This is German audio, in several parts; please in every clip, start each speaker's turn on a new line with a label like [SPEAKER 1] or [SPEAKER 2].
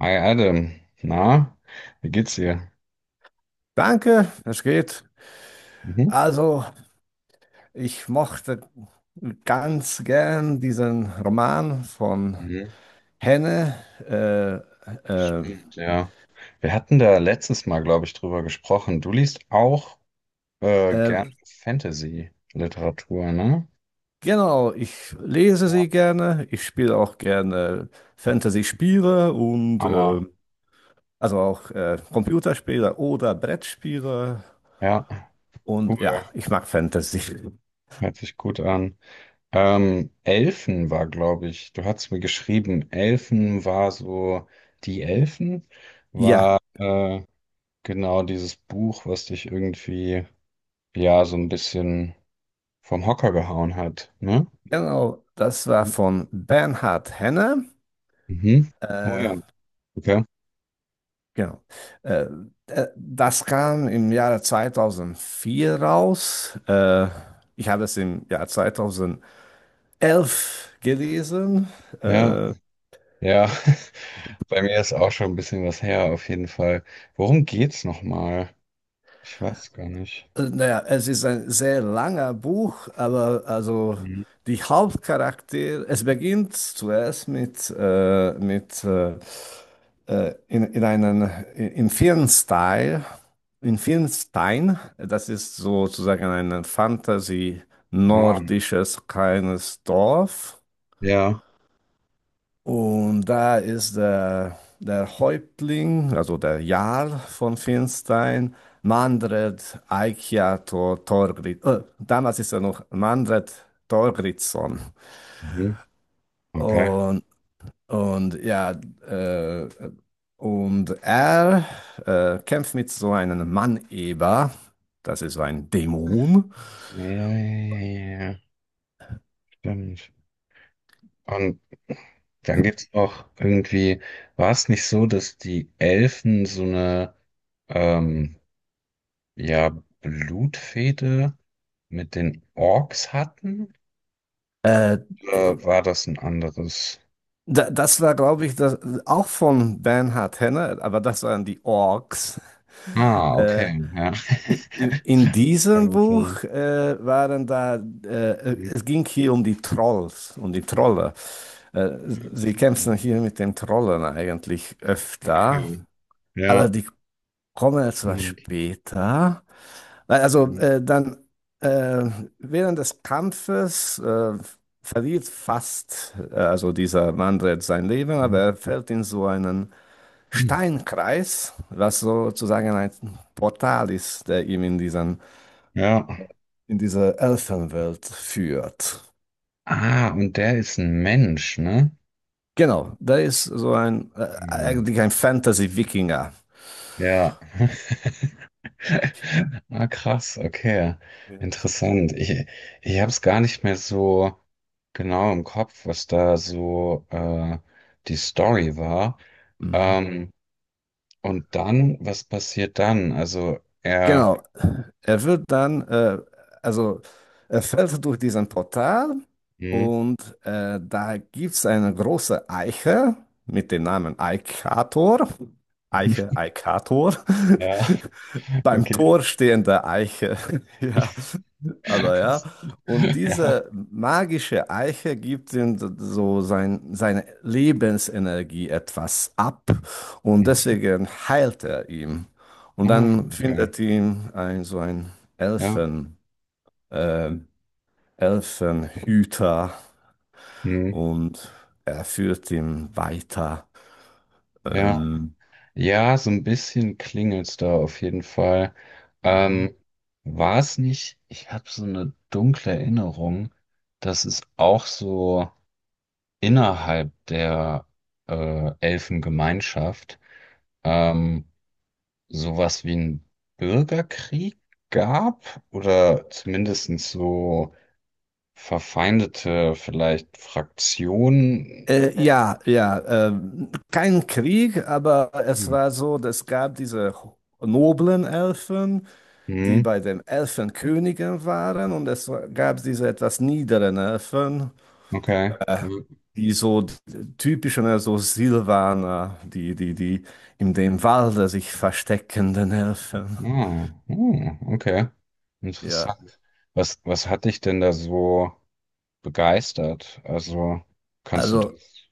[SPEAKER 1] Hi Adam, na, wie geht's dir?
[SPEAKER 2] Danke, es geht.
[SPEAKER 1] Mhm.
[SPEAKER 2] Also, ich mochte ganz gern diesen Roman von
[SPEAKER 1] Mhm.
[SPEAKER 2] Henne. Äh, äh,
[SPEAKER 1] Stimmt, ja, wir hatten da letztes Mal, glaube ich, drüber gesprochen. Du liest auch
[SPEAKER 2] äh,
[SPEAKER 1] gerne Fantasy-Literatur, ne?
[SPEAKER 2] genau, ich lese sie gerne. Ich spiele auch gerne Fantasy-Spiele und
[SPEAKER 1] Hammer.
[SPEAKER 2] also auch Computerspiele oder Brettspiele.
[SPEAKER 1] Ja,
[SPEAKER 2] Und ja,
[SPEAKER 1] cool.
[SPEAKER 2] ich mag Fantasy.
[SPEAKER 1] Hört sich gut an. Elfen war, glaube ich, du hast mir geschrieben, Elfen war so, die Elfen
[SPEAKER 2] Ja,
[SPEAKER 1] war genau dieses Buch, was dich irgendwie, ja, so ein bisschen vom Hocker gehauen hat, ne?
[SPEAKER 2] genau, das war von Bernhard Henne.
[SPEAKER 1] Mhm. Oh
[SPEAKER 2] Äh,
[SPEAKER 1] ja, okay.
[SPEAKER 2] Genau. Äh, das kam im Jahre 2004 raus. Ich habe es im Jahr 2011 gelesen. Äh,
[SPEAKER 1] Ja,
[SPEAKER 2] äh,
[SPEAKER 1] ja. Bei mir ist auch schon ein bisschen was her, auf jeden Fall. Worum geht's nochmal? Ich weiß gar nicht.
[SPEAKER 2] naja, es ist ein sehr langer Buch, aber also
[SPEAKER 1] Mhm.
[SPEAKER 2] die Hauptcharaktere, es beginnt zuerst in einen, in vielen Style, in vielen Stein, das ist sozusagen ein
[SPEAKER 1] Mann.
[SPEAKER 2] Fantasy-nordisches kleines Dorf.
[SPEAKER 1] Ja.
[SPEAKER 2] Und da ist der Häuptling, also der Jarl von Finstein, Mandred Eikjato Thorgrid. Damals ist er noch Mandred Thorgridsson.
[SPEAKER 1] Mhm. Okay.
[SPEAKER 2] Und, und ja, äh, Und er kämpft mit so einem Mann-Eber. Das ist so ein Dämon.
[SPEAKER 1] Ja, ja, ja, ja, ja. Stimmt. Und dann gibt's auch irgendwie, war es nicht so, dass die Elfen so eine, ähm, ja, Blutfehde mit den Orks hatten?
[SPEAKER 2] Äh,
[SPEAKER 1] Oder war das ein anderes?
[SPEAKER 2] das war, glaube ich, das, auch von Bernhard Henner, aber das waren die Orks.
[SPEAKER 1] Ah,
[SPEAKER 2] Äh,
[SPEAKER 1] okay, ja.
[SPEAKER 2] in
[SPEAKER 1] Das kann
[SPEAKER 2] diesem
[SPEAKER 1] gut sein.
[SPEAKER 2] Buch waren da,
[SPEAKER 1] Mhm.
[SPEAKER 2] es ging hier um die Trolls, um die Trolle. Äh, sie kämpfen hier mit den Trollen eigentlich öfter,
[SPEAKER 1] Okay, ja.
[SPEAKER 2] aber die kommen etwas
[SPEAKER 1] Stimmt.
[SPEAKER 2] später. Also
[SPEAKER 1] Mhm.
[SPEAKER 2] dann äh, während des Kampfes verliert fast also dieser Manfred sein Leben, aber
[SPEAKER 1] Mhm.
[SPEAKER 2] er fällt in so einen
[SPEAKER 1] Mhm.
[SPEAKER 2] Steinkreis, was sozusagen ein Portal ist, der ihm in diesen,
[SPEAKER 1] Ja.
[SPEAKER 2] in diese Elfenwelt führt.
[SPEAKER 1] Ah, und der ist ein Mensch, ne?
[SPEAKER 2] Genau, da ist so ein
[SPEAKER 1] Mhm.
[SPEAKER 2] eigentlich ein Fantasy-Wikinger.
[SPEAKER 1] Ja. Ah, krass, okay.
[SPEAKER 2] Ja.
[SPEAKER 1] Interessant. Ich habe es gar nicht mehr so genau im Kopf, was da so die Story war.
[SPEAKER 2] Mhm.
[SPEAKER 1] Ähm, und dann, was passiert dann? Also, er.
[SPEAKER 2] Genau. Er wird dann, also er fällt durch diesen Portal
[SPEAKER 1] Mhm.
[SPEAKER 2] und da gibt es eine große Eiche mit dem Namen Eikator. Eiche, Eikator.
[SPEAKER 1] Ja.
[SPEAKER 2] Beim
[SPEAKER 1] Okay.
[SPEAKER 2] Tor stehende Eiche. Ja, aber ja. Und
[SPEAKER 1] Ja.
[SPEAKER 2] diese magische Eiche gibt ihm seine Lebensenergie etwas ab und
[SPEAKER 1] Mhm.
[SPEAKER 2] deswegen heilt er ihn. Und
[SPEAKER 1] Ah,
[SPEAKER 2] dann
[SPEAKER 1] okay.
[SPEAKER 2] findet ihn ein so ein
[SPEAKER 1] Ja.
[SPEAKER 2] Elfen, äh, Elfenhüter
[SPEAKER 1] Mhm.
[SPEAKER 2] und er führt ihn weiter.
[SPEAKER 1] Ja.
[SPEAKER 2] Ähm,
[SPEAKER 1] Ja, so ein bisschen klingelt's da auf jeden Fall.
[SPEAKER 2] Mhm.
[SPEAKER 1] Ähm, war es nicht, ich habe so eine dunkle Erinnerung, dass es auch so innerhalb der Elfengemeinschaft ähm, sowas wie einen Bürgerkrieg gab oder zumindest so verfeindete vielleicht Fraktionen.
[SPEAKER 2] Ja, kein Krieg, aber es
[SPEAKER 1] Hm.
[SPEAKER 2] war so, es gab diese noblen Elfen, die
[SPEAKER 1] Hm.
[SPEAKER 2] bei den Elfenkönigen waren, und es gab diese etwas niederen Elfen,
[SPEAKER 1] Okay. Ja.
[SPEAKER 2] die so typischen, ne, so Silvaner, die in dem Walde sich versteckenden Elfen.
[SPEAKER 1] Ah, hm, okay.
[SPEAKER 2] Ja,
[SPEAKER 1] Interessant. Was hat dich denn da so begeistert? Also, kannst du
[SPEAKER 2] also
[SPEAKER 1] das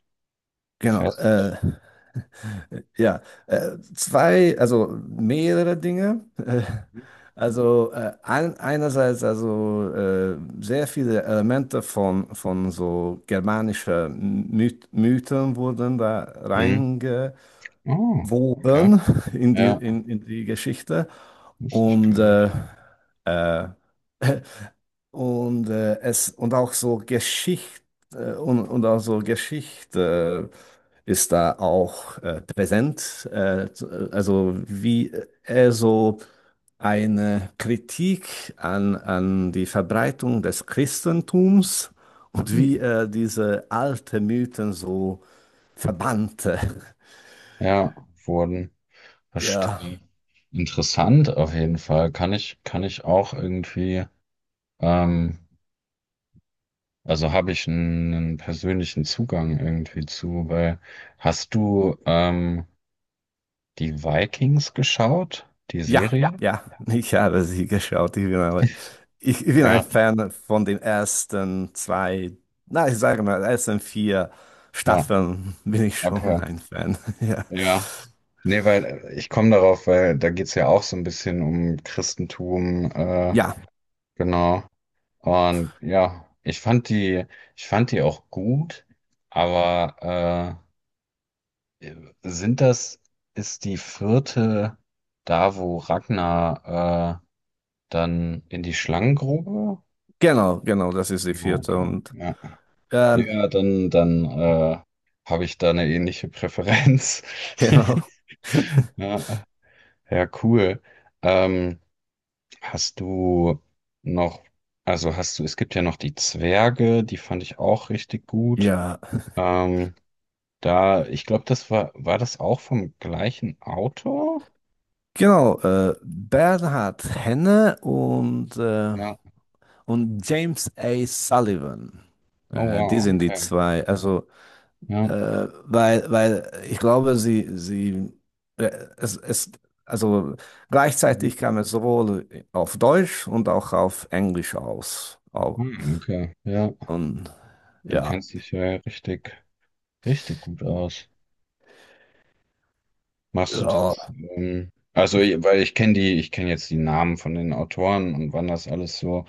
[SPEAKER 2] genau,
[SPEAKER 1] fest?
[SPEAKER 2] ja, zwei, also mehrere Dinge. Äh,
[SPEAKER 1] Hm.
[SPEAKER 2] also einerseits also sehr viele Elemente von so germanischen Mythen wurden da
[SPEAKER 1] Hm.
[SPEAKER 2] reinge
[SPEAKER 1] Oh, okay.
[SPEAKER 2] woben in
[SPEAKER 1] Ja,
[SPEAKER 2] die Geschichte
[SPEAKER 1] wusste ich gar
[SPEAKER 2] und, äh,
[SPEAKER 1] nicht.
[SPEAKER 2] äh, und auch so Geschichte auch so Geschichte ist da auch präsent. Also wie er so eine Kritik an die Verbreitung des Christentums und wie
[SPEAKER 1] Hm.
[SPEAKER 2] er diese alten Mythen so verbannte.
[SPEAKER 1] Ja, wurden.
[SPEAKER 2] Ja.
[SPEAKER 1] Verstehe. Interessant auf jeden Fall. Kann ich auch irgendwie, ähm, also habe ich einen persönlichen Zugang irgendwie zu, weil hast du, die Vikings geschaut? Die ja,
[SPEAKER 2] Ja,
[SPEAKER 1] Serie?
[SPEAKER 2] ja, ich habe sie geschaut. Ich bin, aber, ich bin ein
[SPEAKER 1] Ja,
[SPEAKER 2] Fan von den ersten zwei, na, ich sage mal, ersten vier
[SPEAKER 1] ja,
[SPEAKER 2] Staffeln bin ich schon
[SPEAKER 1] okay.
[SPEAKER 2] ein Fan. Ja,
[SPEAKER 1] Ja. Nee, weil ich komme darauf, weil da geht's ja auch so ein bisschen um Christentum,
[SPEAKER 2] ja,
[SPEAKER 1] genau. Und ja, ich fand die auch gut, aber äh, sind das, ist die vierte da, wo Ragnar dann in die Schlangengrube?
[SPEAKER 2] genau, das ist die
[SPEAKER 1] Ja,
[SPEAKER 2] vierte
[SPEAKER 1] okay.
[SPEAKER 2] und
[SPEAKER 1] Ja.
[SPEAKER 2] ähm,
[SPEAKER 1] Ja, dann habe ich da eine ähnliche Präferenz.
[SPEAKER 2] genau.
[SPEAKER 1] Ja, ja, cool. Ähm, hast du noch, also hast du, es gibt ja noch die Zwerge, die fand ich auch richtig gut.
[SPEAKER 2] Ja,
[SPEAKER 1] Ähm, da, ich glaube, das war, war das auch vom gleichen Autor?
[SPEAKER 2] genau. Bernhard Henne
[SPEAKER 1] Ja.
[SPEAKER 2] und James A. Sullivan.
[SPEAKER 1] Oh
[SPEAKER 2] Die
[SPEAKER 1] wow,
[SPEAKER 2] sind die
[SPEAKER 1] okay.
[SPEAKER 2] zwei. Also
[SPEAKER 1] Ja.
[SPEAKER 2] Weil ich glaube, sie, äh, es, es, also
[SPEAKER 1] Mhm.
[SPEAKER 2] gleichzeitig kam es sowohl auf Deutsch und auch auf Englisch aus. Au-
[SPEAKER 1] Hm, okay, ja.
[SPEAKER 2] Und
[SPEAKER 1] Du
[SPEAKER 2] ja,
[SPEAKER 1] kennst dich ja richtig gut aus. Machst du das?
[SPEAKER 2] ja.
[SPEAKER 1] Also, weil ich kenne die, ich kenne jetzt die Namen von den Autoren und wann das alles so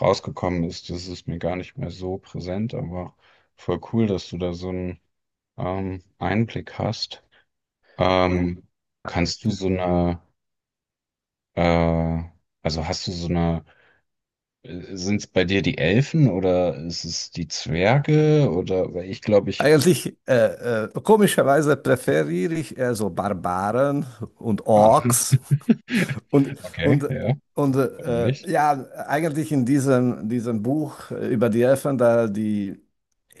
[SPEAKER 1] rausgekommen ist, das ist mir gar nicht mehr so präsent, aber voll cool, dass du da so einen Einblick hast. Ähm, kannst du so eine, äh, also hast du so eine, sind es bei dir die Elfen oder ist es die Zwerge oder, weil ich glaube, ich,
[SPEAKER 2] Eigentlich, komischerweise präferiere ich eher so Barbaren und
[SPEAKER 1] ah,
[SPEAKER 2] Orks. Und,
[SPEAKER 1] okay,
[SPEAKER 2] und,
[SPEAKER 1] ja,
[SPEAKER 2] und
[SPEAKER 1] warum
[SPEAKER 2] äh,
[SPEAKER 1] nicht?
[SPEAKER 2] ja, eigentlich in diesem Buch über die Elfen, da die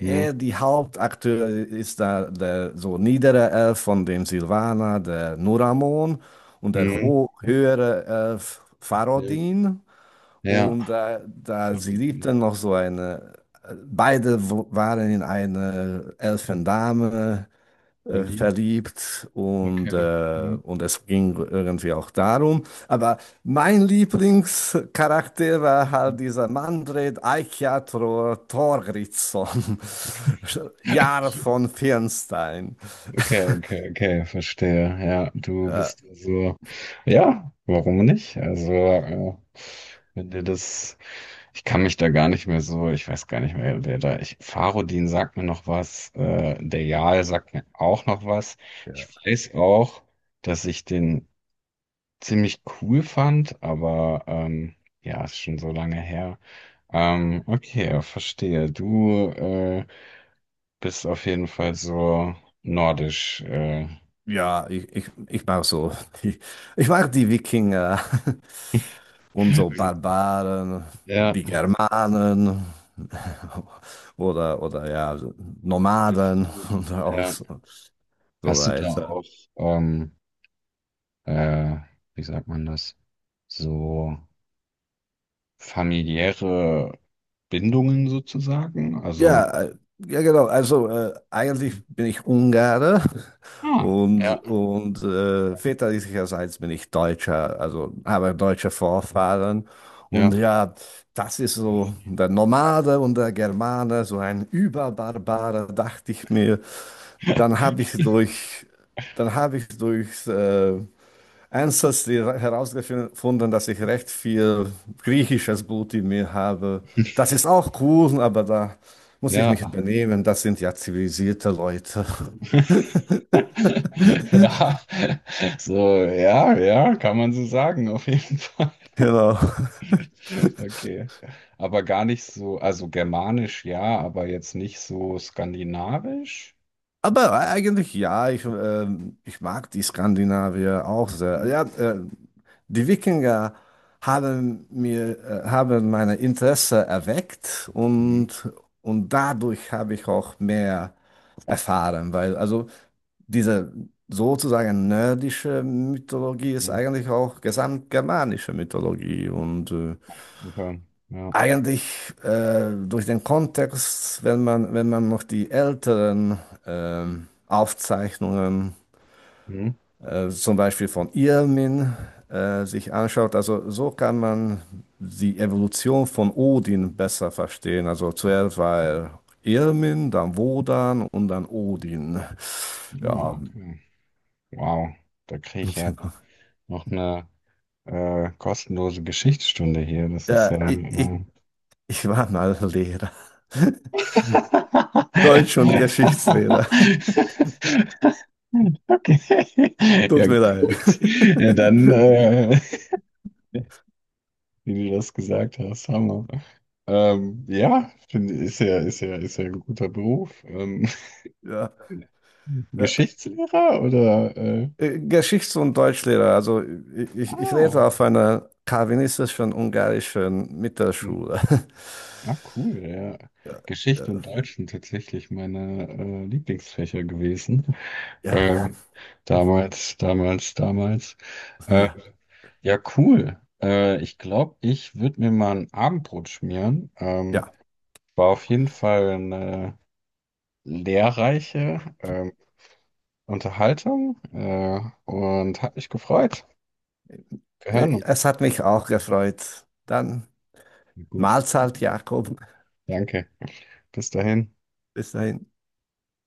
[SPEAKER 1] Hm,
[SPEAKER 2] die Hauptakteur ist da der so niedere Elf von dem Silvaner, der Nuramon, und der
[SPEAKER 1] hm,
[SPEAKER 2] ho höhere Elf Farodin.
[SPEAKER 1] ja.
[SPEAKER 2] Und da sie
[SPEAKER 1] Fahrrading.
[SPEAKER 2] liebten noch so eine, beide w- waren in einer Elfendame
[SPEAKER 1] Verliebt.
[SPEAKER 2] verliebt und,
[SPEAKER 1] Okay.
[SPEAKER 2] äh,
[SPEAKER 1] Hm.
[SPEAKER 2] und es ging irgendwie auch darum. Aber mein Lieblingscharakter war halt dieser Manfred Eichiator Thorgrímsson, Jarl von Firnstein.
[SPEAKER 1] Okay, okay, okay, verstehe. Ja, du
[SPEAKER 2] Äh,
[SPEAKER 1] bist ja so. Ja, warum nicht? Also, wenn dir das. Ich kann mich da gar nicht mehr so. Ich weiß gar nicht mehr, wer da. Ich, Farodin sagt mir noch was. Der Jarl sagt mir auch noch was.
[SPEAKER 2] ja,
[SPEAKER 1] Ich weiß auch, dass ich den ziemlich cool fand, aber ja, ist schon so lange her. Okay, verstehe. Du. Bist auf jeden Fall so nordisch.
[SPEAKER 2] ja, ich mag so, die, ich mag die Wikinger und so
[SPEAKER 1] Wie-
[SPEAKER 2] Barbaren,
[SPEAKER 1] Ja,
[SPEAKER 2] die Germanen. Oder ja,
[SPEAKER 1] bist
[SPEAKER 2] Nomaden
[SPEAKER 1] du.
[SPEAKER 2] und auch
[SPEAKER 1] Ja.
[SPEAKER 2] so. So
[SPEAKER 1] Hast du da
[SPEAKER 2] weiter.
[SPEAKER 1] auch, ähm, äh, wie sagt man das? So familiäre Bindungen sozusagen? Also.
[SPEAKER 2] Ja, ja genau. Also eigentlich bin ich Ungarer
[SPEAKER 1] Ah, ja,
[SPEAKER 2] und väterlicherseits bin ich Deutscher, also habe deutsche Vorfahren. Und
[SPEAKER 1] ja.
[SPEAKER 2] ja, das ist so der Nomade und der Germane, so ein Überbarbare, dachte ich mir. Dann habe ich durch, dann habe ich durchs Ancestry herausgefunden, dass ich recht viel griechisches Blut in mir habe. Das ist auch cool, aber da muss ich
[SPEAKER 1] Ja.
[SPEAKER 2] mich benehmen. Das sind ja zivilisierte Leute.
[SPEAKER 1] Ja, so, ja, ja, kann man so sagen, auf jeden Fall.
[SPEAKER 2] Genau.
[SPEAKER 1] Okay. Aber gar nicht so, also germanisch ja, aber jetzt nicht so skandinavisch?
[SPEAKER 2] Aber eigentlich ja, ich, ich mag die Skandinavier auch sehr.
[SPEAKER 1] Hm,
[SPEAKER 2] Ja, die Wikinger haben mir, haben meine Interesse erweckt
[SPEAKER 1] hm,
[SPEAKER 2] und dadurch habe ich auch mehr erfahren, weil also diese sozusagen nordische Mythologie ist
[SPEAKER 1] hm.
[SPEAKER 2] eigentlich auch gesamtgermanische Mythologie und
[SPEAKER 1] Okay, ja.
[SPEAKER 2] eigentlich durch den Kontext, wenn man noch die älteren Aufzeichnungen,
[SPEAKER 1] Hm?
[SPEAKER 2] zum Beispiel von Irmin, sich anschaut, also so kann man die Evolution von Odin besser verstehen. Also zuerst war er Irmin, dann Wodan und dann Odin.
[SPEAKER 1] Ja,
[SPEAKER 2] Ja,
[SPEAKER 1] okay. Wow, da kriege ich ja
[SPEAKER 2] genau.
[SPEAKER 1] noch eine kostenlose Geschichtsstunde hier. Das ist
[SPEAKER 2] Ja,
[SPEAKER 1] ja.
[SPEAKER 2] ich war mal Lehrer. Deutsch- und Geschichtslehrer.
[SPEAKER 1] Okay.
[SPEAKER 2] Tut
[SPEAKER 1] Ja,
[SPEAKER 2] mir leid.
[SPEAKER 1] gut. Ja, dann, wie du das gesagt hast, Hammer. Ja, finde ist ja ein guter Beruf.
[SPEAKER 2] Ja. Äh,
[SPEAKER 1] Geschichtslehrer oder
[SPEAKER 2] Geschichts- und Deutschlehrer, also ich ich lehrte
[SPEAKER 1] ah,
[SPEAKER 2] auf einer calvinistischen ungarischen
[SPEAKER 1] hm,
[SPEAKER 2] Mittelschule.
[SPEAKER 1] ah, cool, ja.
[SPEAKER 2] Ja,
[SPEAKER 1] Geschichte
[SPEAKER 2] äh,
[SPEAKER 1] und Deutsch sind tatsächlich meine Lieblingsfächer gewesen.
[SPEAKER 2] ja,
[SPEAKER 1] Äh, damals. Äh,
[SPEAKER 2] ja.
[SPEAKER 1] ja, cool. Ich glaube, ich würde mir mal ein Abendbrot schmieren.
[SPEAKER 2] ja.
[SPEAKER 1] War auf jeden Fall eine lehrreiche, Unterhaltung, und hat mich gefreut. Wir hören uns.
[SPEAKER 2] Es hat mich auch gefreut. Dann
[SPEAKER 1] Gut,
[SPEAKER 2] Mahlzeit, Jakob.
[SPEAKER 1] danke. Bis dahin.
[SPEAKER 2] Bis dahin.